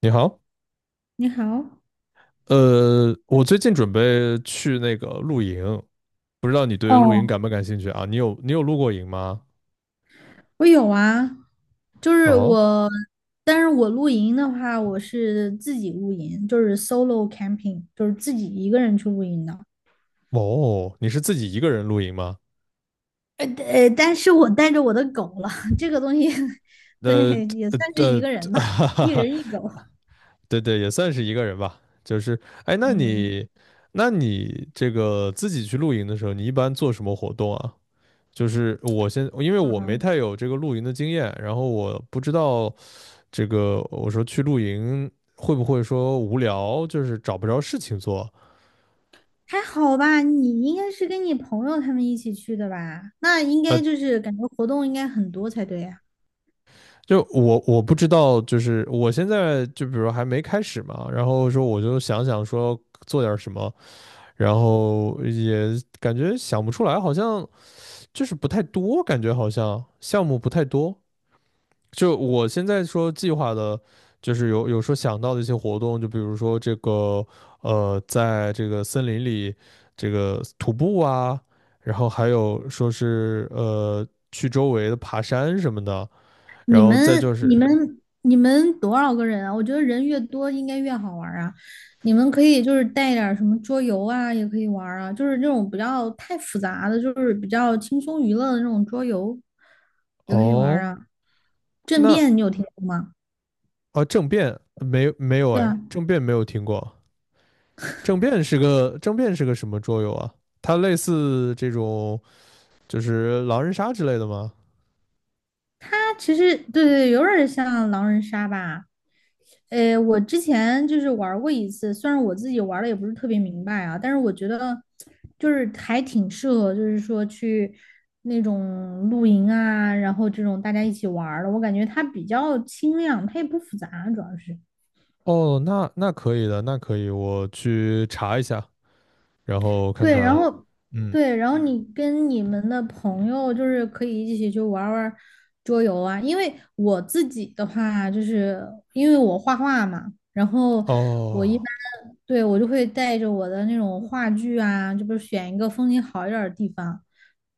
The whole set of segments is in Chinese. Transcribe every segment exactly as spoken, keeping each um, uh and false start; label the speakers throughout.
Speaker 1: 你好，
Speaker 2: 你好。
Speaker 1: 呃，我最近准备去那个露营，不知道你对露营
Speaker 2: 哦，
Speaker 1: 感不感兴趣啊？你有你有露过营吗？
Speaker 2: 我有啊，就是
Speaker 1: 哦
Speaker 2: 我，但是我露营的话，我是自己露营，就是 solo camping，就是自己一个人去露营的。
Speaker 1: 哦，你是自己一个人露营吗？
Speaker 2: 呃呃，但是我带着我的狗了，这个东西，
Speaker 1: 呃
Speaker 2: 对，也
Speaker 1: 呃
Speaker 2: 算是一
Speaker 1: 呃，
Speaker 2: 个人 吧，
Speaker 1: 哈哈
Speaker 2: 一
Speaker 1: 哈，
Speaker 2: 人一狗。
Speaker 1: 对对，也算是一个人吧。就是，哎，那
Speaker 2: 嗯。
Speaker 1: 你那你这个自己去露营的时候，你一般做什么活动啊？就是我先，因为我没
Speaker 2: 嗯。
Speaker 1: 太有这个露营的经验，然后我不知道。这个我说去露营会不会说无聊，就是找不着事情做？
Speaker 2: 还好吧，你应该是跟你朋友他们一起去的吧？那应
Speaker 1: 呃，
Speaker 2: 该就是感觉活动应该很多才对呀。
Speaker 1: 就我我不知道，就是我现在就比如还没开始嘛，然后说我就想想说做点什么，然后也感觉想不出来，好像就是不太多，感觉好像项目不太多。就我现在说计划的，就是有有说想到的一些活动，就比如说这个呃，在这个森林里这个徒步啊，然后还有说是呃去周围的爬山什么的，然
Speaker 2: 你
Speaker 1: 后再
Speaker 2: 们、
Speaker 1: 就
Speaker 2: 你
Speaker 1: 是。
Speaker 2: 们、你们多少个人啊？我觉得人越多应该越好玩儿啊。你们可以就是带点儿什么桌游啊，也可以玩儿啊，就是那种不要太复杂的，就是比较轻松娱乐的那种桌游，也可以玩儿
Speaker 1: 哦，
Speaker 2: 啊。政
Speaker 1: 那
Speaker 2: 变你有听过吗？
Speaker 1: 啊，政变没没有
Speaker 2: 对
Speaker 1: 哎，
Speaker 2: 啊，
Speaker 1: 政变没有听过，政变是个政变是个什么桌游啊？它类似这种就是狼人杀之类的吗？
Speaker 2: 它其实对对，有点儿像狼人杀吧。呃，我之前就是玩过一次，虽然我自己玩的也不是特别明白啊，但是我觉得就是还挺适合，就是说去那种露营啊，然后这种大家一起玩儿的，我感觉它比较轻量，它也不复杂，主要是。
Speaker 1: 哦，那那可以的，那可以，我去查一下，然后看
Speaker 2: 对，然然
Speaker 1: 看。
Speaker 2: 后，
Speaker 1: 嗯，
Speaker 2: 对，然后嗯你跟你们的朋友就是可以一起去玩儿玩儿桌游啊。因为我自己的话，就是因为我画画嘛，然后我一般
Speaker 1: 哦，
Speaker 2: 对我就会带着我的那种画具啊，就不是选一个风景好一点儿的地方。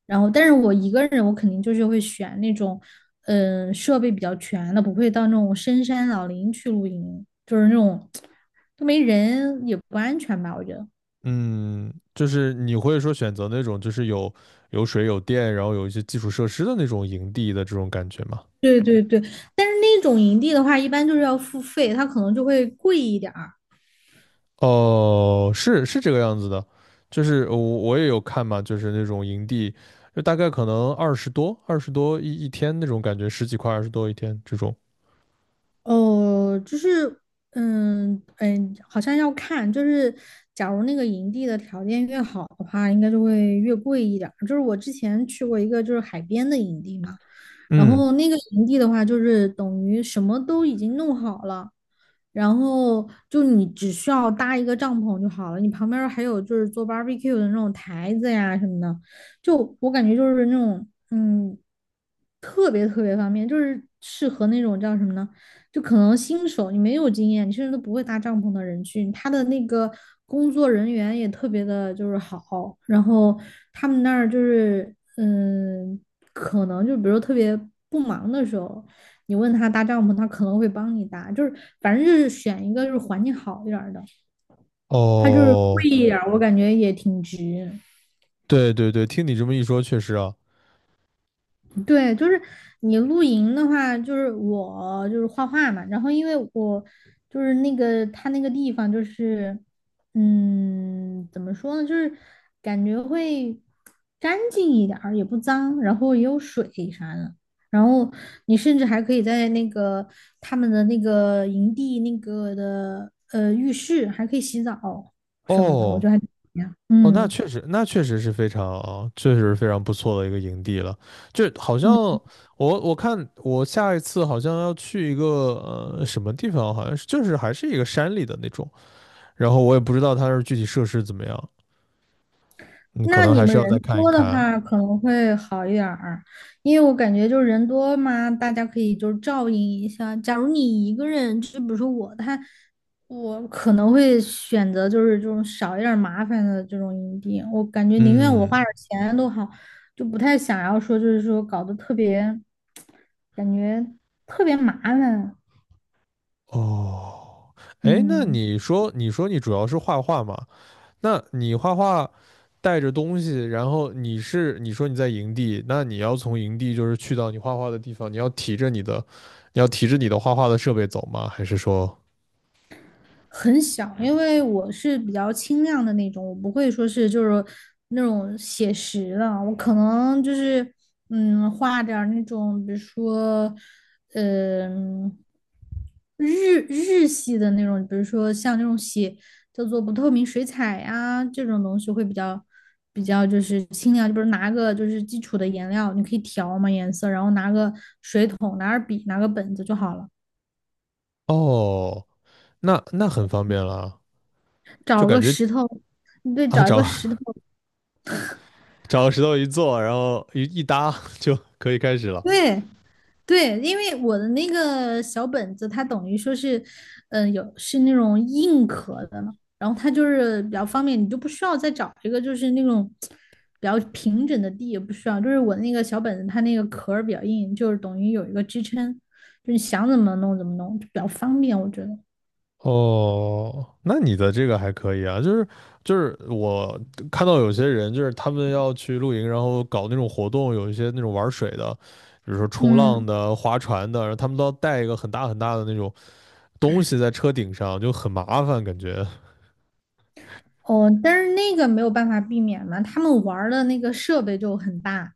Speaker 2: 然后，但是我一个人，我肯定就是会选那种嗯、呃设备比较全的，不会到那种深山老林去露营，就是那种 都没人也不安全吧，我觉得。
Speaker 1: 嗯，就是你会说选择那种就是有有水有电，然后有一些基础设施的那种营地的这种感觉吗？
Speaker 2: 对对对，但是那种营地的话，一般就是要付费，它可能就会贵一点儿。
Speaker 1: 哦，是是这个样子的，就是我我也有看嘛，就是那种营地，就大概可能二十多二十多一一天那种感觉，十几块二十多一天这种。
Speaker 2: 哦，就是，嗯嗯，好像要看，就是假如那个营地的条件越好的话，应该就会越贵一点儿。就是我之前去过一个就是海边的营地嘛，然
Speaker 1: 嗯，
Speaker 2: 后那个营地的话，就是等于什么都已经弄好了，然后就你只需要搭一个帐篷就好了，你旁边儿还有就是做 barbecue 的那种台子呀什么的，就我感觉就是那种嗯特别特别方便，就是适合那种叫什么呢？就可能新手你没有经验，你甚至都不会搭帐篷的人去。他的那个工作人员也特别的就是好，然后他们那儿就是嗯，可能就比如说特别不忙的时候，你问他搭帐篷，他可能会帮你搭，就是反正就是选一个就是环境好一点儿的，他就是
Speaker 1: 哦，
Speaker 2: 贵一点儿，我感觉也挺值。
Speaker 1: 对对对，听你这么一说，确实啊，
Speaker 2: 对，就是你露营的话，就是我就是画画嘛，然后因为我就是那个他那个地方就是，嗯，怎么说呢，就是感觉会干净一点儿，也不脏，然后也有水啥的，然后你甚至还可以在那个他们的那个营地那个的呃浴室还可以洗澡什么的，我觉
Speaker 1: 哦。
Speaker 2: 得还挺好的
Speaker 1: 哦，那
Speaker 2: 嗯
Speaker 1: 确实，那确实是非常，确实是非常不错的一个营地了。就好像
Speaker 2: 嗯。
Speaker 1: 我我看我下一次好像要去一个呃什么地方，好像是就是还是一个山里的那种，然后我也不知道它是具体设施怎么样，你可
Speaker 2: 那
Speaker 1: 能
Speaker 2: 你
Speaker 1: 还是
Speaker 2: 们
Speaker 1: 要再
Speaker 2: 人
Speaker 1: 看一
Speaker 2: 多的
Speaker 1: 看。
Speaker 2: 话可能会好一点儿，因为我感觉就是人多嘛，大家可以就是照应一下。假如你一个人，就比如说我，他我可能会选择就是这种少一点儿麻烦的这种营地，我感觉宁愿我花
Speaker 1: 嗯，
Speaker 2: 点儿钱都好，就不太想要说就是说搞得特别，感觉特别麻烦。
Speaker 1: 哦，哎，那
Speaker 2: 嗯。
Speaker 1: 你说你说你主要是画画吗？那你画画带着东西，然后你是你说你在营地，那你要从营地就是去到你画画的地方，你要提着你的，你要提着你的画画的设备走吗？还是说，
Speaker 2: 很小，因为我是比较清亮的那种，我不会说是就是那种写实的，我可能就是嗯画点儿那种，比如说嗯、日日系的那种，比如说像那种写叫做不透明水彩呀这种东西会比较比较就是清亮，就比如拿个就是基础的颜料，你可以调嘛颜色，然后拿个水桶、拿点笔、拿个本子就好了，
Speaker 1: 哦，那那很方便了，就
Speaker 2: 找
Speaker 1: 感
Speaker 2: 个
Speaker 1: 觉
Speaker 2: 石头。对，
Speaker 1: 啊，
Speaker 2: 找一
Speaker 1: 找
Speaker 2: 个石头。
Speaker 1: 找个石头一坐，然后一一搭 就可以开始了。
Speaker 2: 对对，因为我的那个小本子，它等于说是，嗯、有是那种硬壳的了，然后它就是比较方便，你就不需要再找一个就是那种比较平整的地，也不需要。就是我那个小本子，它那个壳儿比较硬，就是等于有一个支撑，就是想怎么弄怎么弄，就比较方便，我觉得。
Speaker 1: 哦，那你的这个还可以啊，就是就是我看到有些人就是他们要去露营，然后搞那种活动，有一些那种玩水的，比如说冲浪
Speaker 2: 嗯。
Speaker 1: 的、划船的，然后他们都要带一个很大很大的那种东西在车顶上，就很麻烦感觉。
Speaker 2: 哦，但是那个没有办法避免嘛，他们玩儿的那个设备就很大，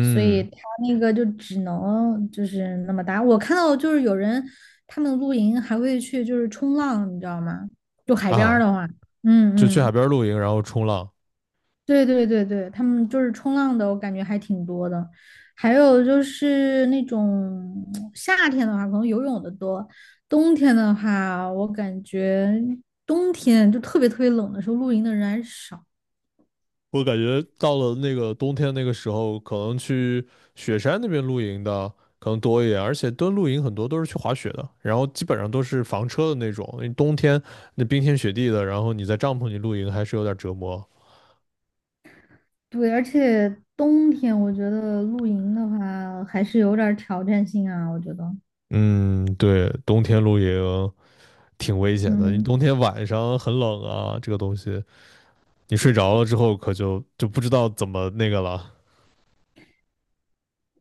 Speaker 2: 所以他那个就只能就是那么大。我看到就是有人他们露营还会去就是冲浪，你知道吗？就海边儿
Speaker 1: 啊，
Speaker 2: 的话，嗯
Speaker 1: 就去海
Speaker 2: 嗯。
Speaker 1: 边露营，然后冲浪。
Speaker 2: 对对对对，他们就是冲浪的，我感觉还挺多的。还有就是那种夏天的话，可能游泳的多，冬天的话，我感觉冬天就特别特别冷的时候，露营的人还是少。
Speaker 1: 我感觉到了那个冬天那个时候，可能去雪山那边露营的可能多一点，而且蹲露营很多都是去滑雪的，然后基本上都是房车的那种。因为冬天那冰天雪地的，然后你在帐篷里露营还是有点折磨。
Speaker 2: 对，而且冬天我觉得露营的话还是有点儿挑战性啊，我觉得。
Speaker 1: 嗯，对，冬天露营挺危险的，你
Speaker 2: 嗯，
Speaker 1: 冬天晚上很冷啊，这个东西你睡着了之后可就就不知道怎么那个了。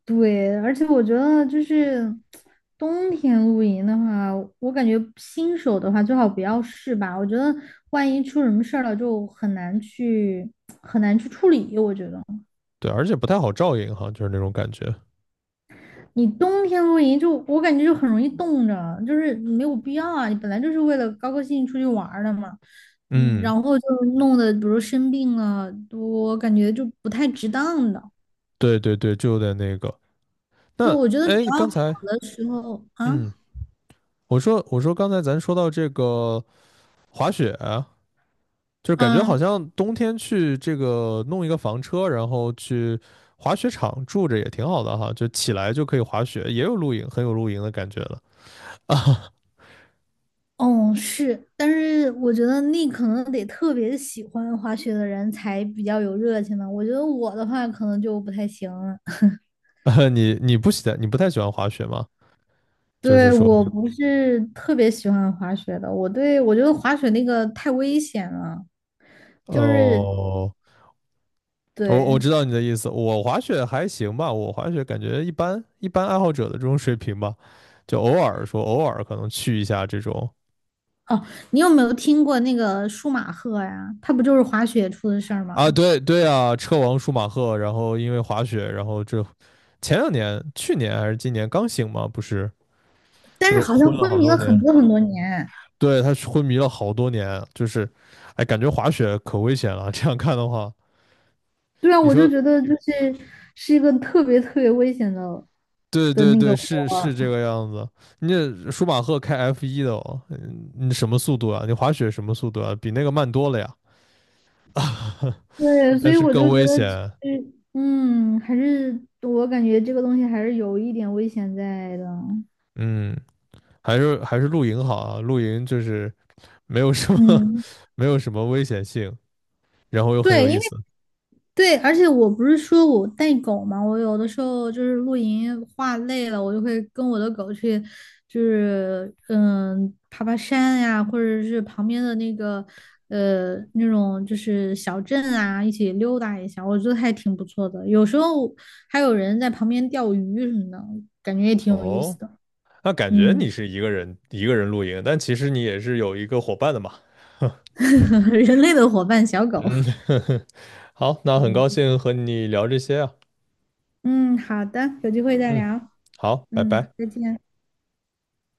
Speaker 2: 对，而且我觉得就是冬天露营的话，我感觉新手的话最好不要试吧，我觉得万一出什么事儿了就很难去很难去处理，我觉得。
Speaker 1: 对，而且不太好照应哈，就是那种感觉。
Speaker 2: 你冬天露营就我感觉就很容易冻着，就是没有必要啊。你本来就是为了高高兴兴出去玩儿的嘛，嗯，
Speaker 1: 嗯，
Speaker 2: 然后就弄得比如生病了，我感觉就不太值当的。
Speaker 1: 对对对，就有点那个。
Speaker 2: 对，
Speaker 1: 那
Speaker 2: 我觉得比
Speaker 1: 哎，
Speaker 2: 较
Speaker 1: 刚
Speaker 2: 好
Speaker 1: 才。
Speaker 2: 的时候啊。
Speaker 1: 嗯，我说我说刚才咱说到这个滑雪，就是感觉好
Speaker 2: 嗯。
Speaker 1: 像冬天去这个弄一个房车，然后去滑雪场住着也挺好的哈，就起来就可以滑雪，也有露营，很有露营的感觉了啊。
Speaker 2: 哦是，但是我觉得那可能得特别喜欢滑雪的人才比较有热情吧。我觉得我的话可能就不太行了。
Speaker 1: 你你不喜欢你不太喜欢滑雪吗？就是
Speaker 2: 对，
Speaker 1: 说，
Speaker 2: 我不是特别喜欢滑雪的，我对我觉得滑雪那个太危险了。就是
Speaker 1: 哦，我
Speaker 2: 对
Speaker 1: 我知道你的意思，我滑雪还行吧，我滑雪感觉一般，一般爱好者的这种水平吧，就偶尔说偶尔可能去一下这种。
Speaker 2: 哦，你有没有听过那个舒马赫呀？他不就是滑雪出的事儿吗？
Speaker 1: 啊，对对啊，车王舒马赫，然后因为滑雪，然后这前两年，去年还是今年刚醒嘛，不是，
Speaker 2: 但
Speaker 1: 就
Speaker 2: 是
Speaker 1: 是
Speaker 2: 好像
Speaker 1: 昏了
Speaker 2: 昏
Speaker 1: 好
Speaker 2: 迷
Speaker 1: 多
Speaker 2: 了很
Speaker 1: 年，
Speaker 2: 多很多年。
Speaker 1: 对，他昏迷了好多年，就是，哎，感觉滑雪可危险了，这样看的话，
Speaker 2: 对啊，
Speaker 1: 你
Speaker 2: 我就
Speaker 1: 说，
Speaker 2: 觉得就是是一个特别特别危险的
Speaker 1: 对
Speaker 2: 的
Speaker 1: 对
Speaker 2: 那个
Speaker 1: 对，是
Speaker 2: 活儿。
Speaker 1: 是这个样子，你这舒马赫开 F 一的哦，嗯你什么速度啊？你滑雪什么速度啊？比那个慢多了呀，
Speaker 2: 对，所
Speaker 1: 但
Speaker 2: 以
Speaker 1: 是
Speaker 2: 我
Speaker 1: 更
Speaker 2: 就觉
Speaker 1: 危
Speaker 2: 得就
Speaker 1: 险，
Speaker 2: 是嗯，还是我感觉这个东西还是有一点危险在的。
Speaker 1: 嗯。还是还是露营好啊，露营就是没有什么
Speaker 2: 嗯，
Speaker 1: 没有什么危险性，然后又很有
Speaker 2: 对。因
Speaker 1: 意
Speaker 2: 为
Speaker 1: 思。
Speaker 2: 对，而且我不是说我带狗嘛，我有的时候就是露营画累了，我就会跟我的狗去，就是嗯爬爬山呀、或者是旁边的那个呃那种就是小镇啊，一起溜达一下，我觉得还挺不错的。有时候还有人在旁边钓鱼什么的，感觉也挺有意思
Speaker 1: 哦，
Speaker 2: 的。
Speaker 1: 那感觉
Speaker 2: 嗯。
Speaker 1: 你是一个人一个人露营，但其实你也是有一个伙伴的嘛。
Speaker 2: 人类的伙伴小狗。
Speaker 1: 嗯，好，那很高
Speaker 2: 嗯
Speaker 1: 兴和你聊这些啊。
Speaker 2: 嗯，好的，有机会再
Speaker 1: 嗯，
Speaker 2: 聊。
Speaker 1: 好，拜
Speaker 2: 嗯，
Speaker 1: 拜。
Speaker 2: 再见。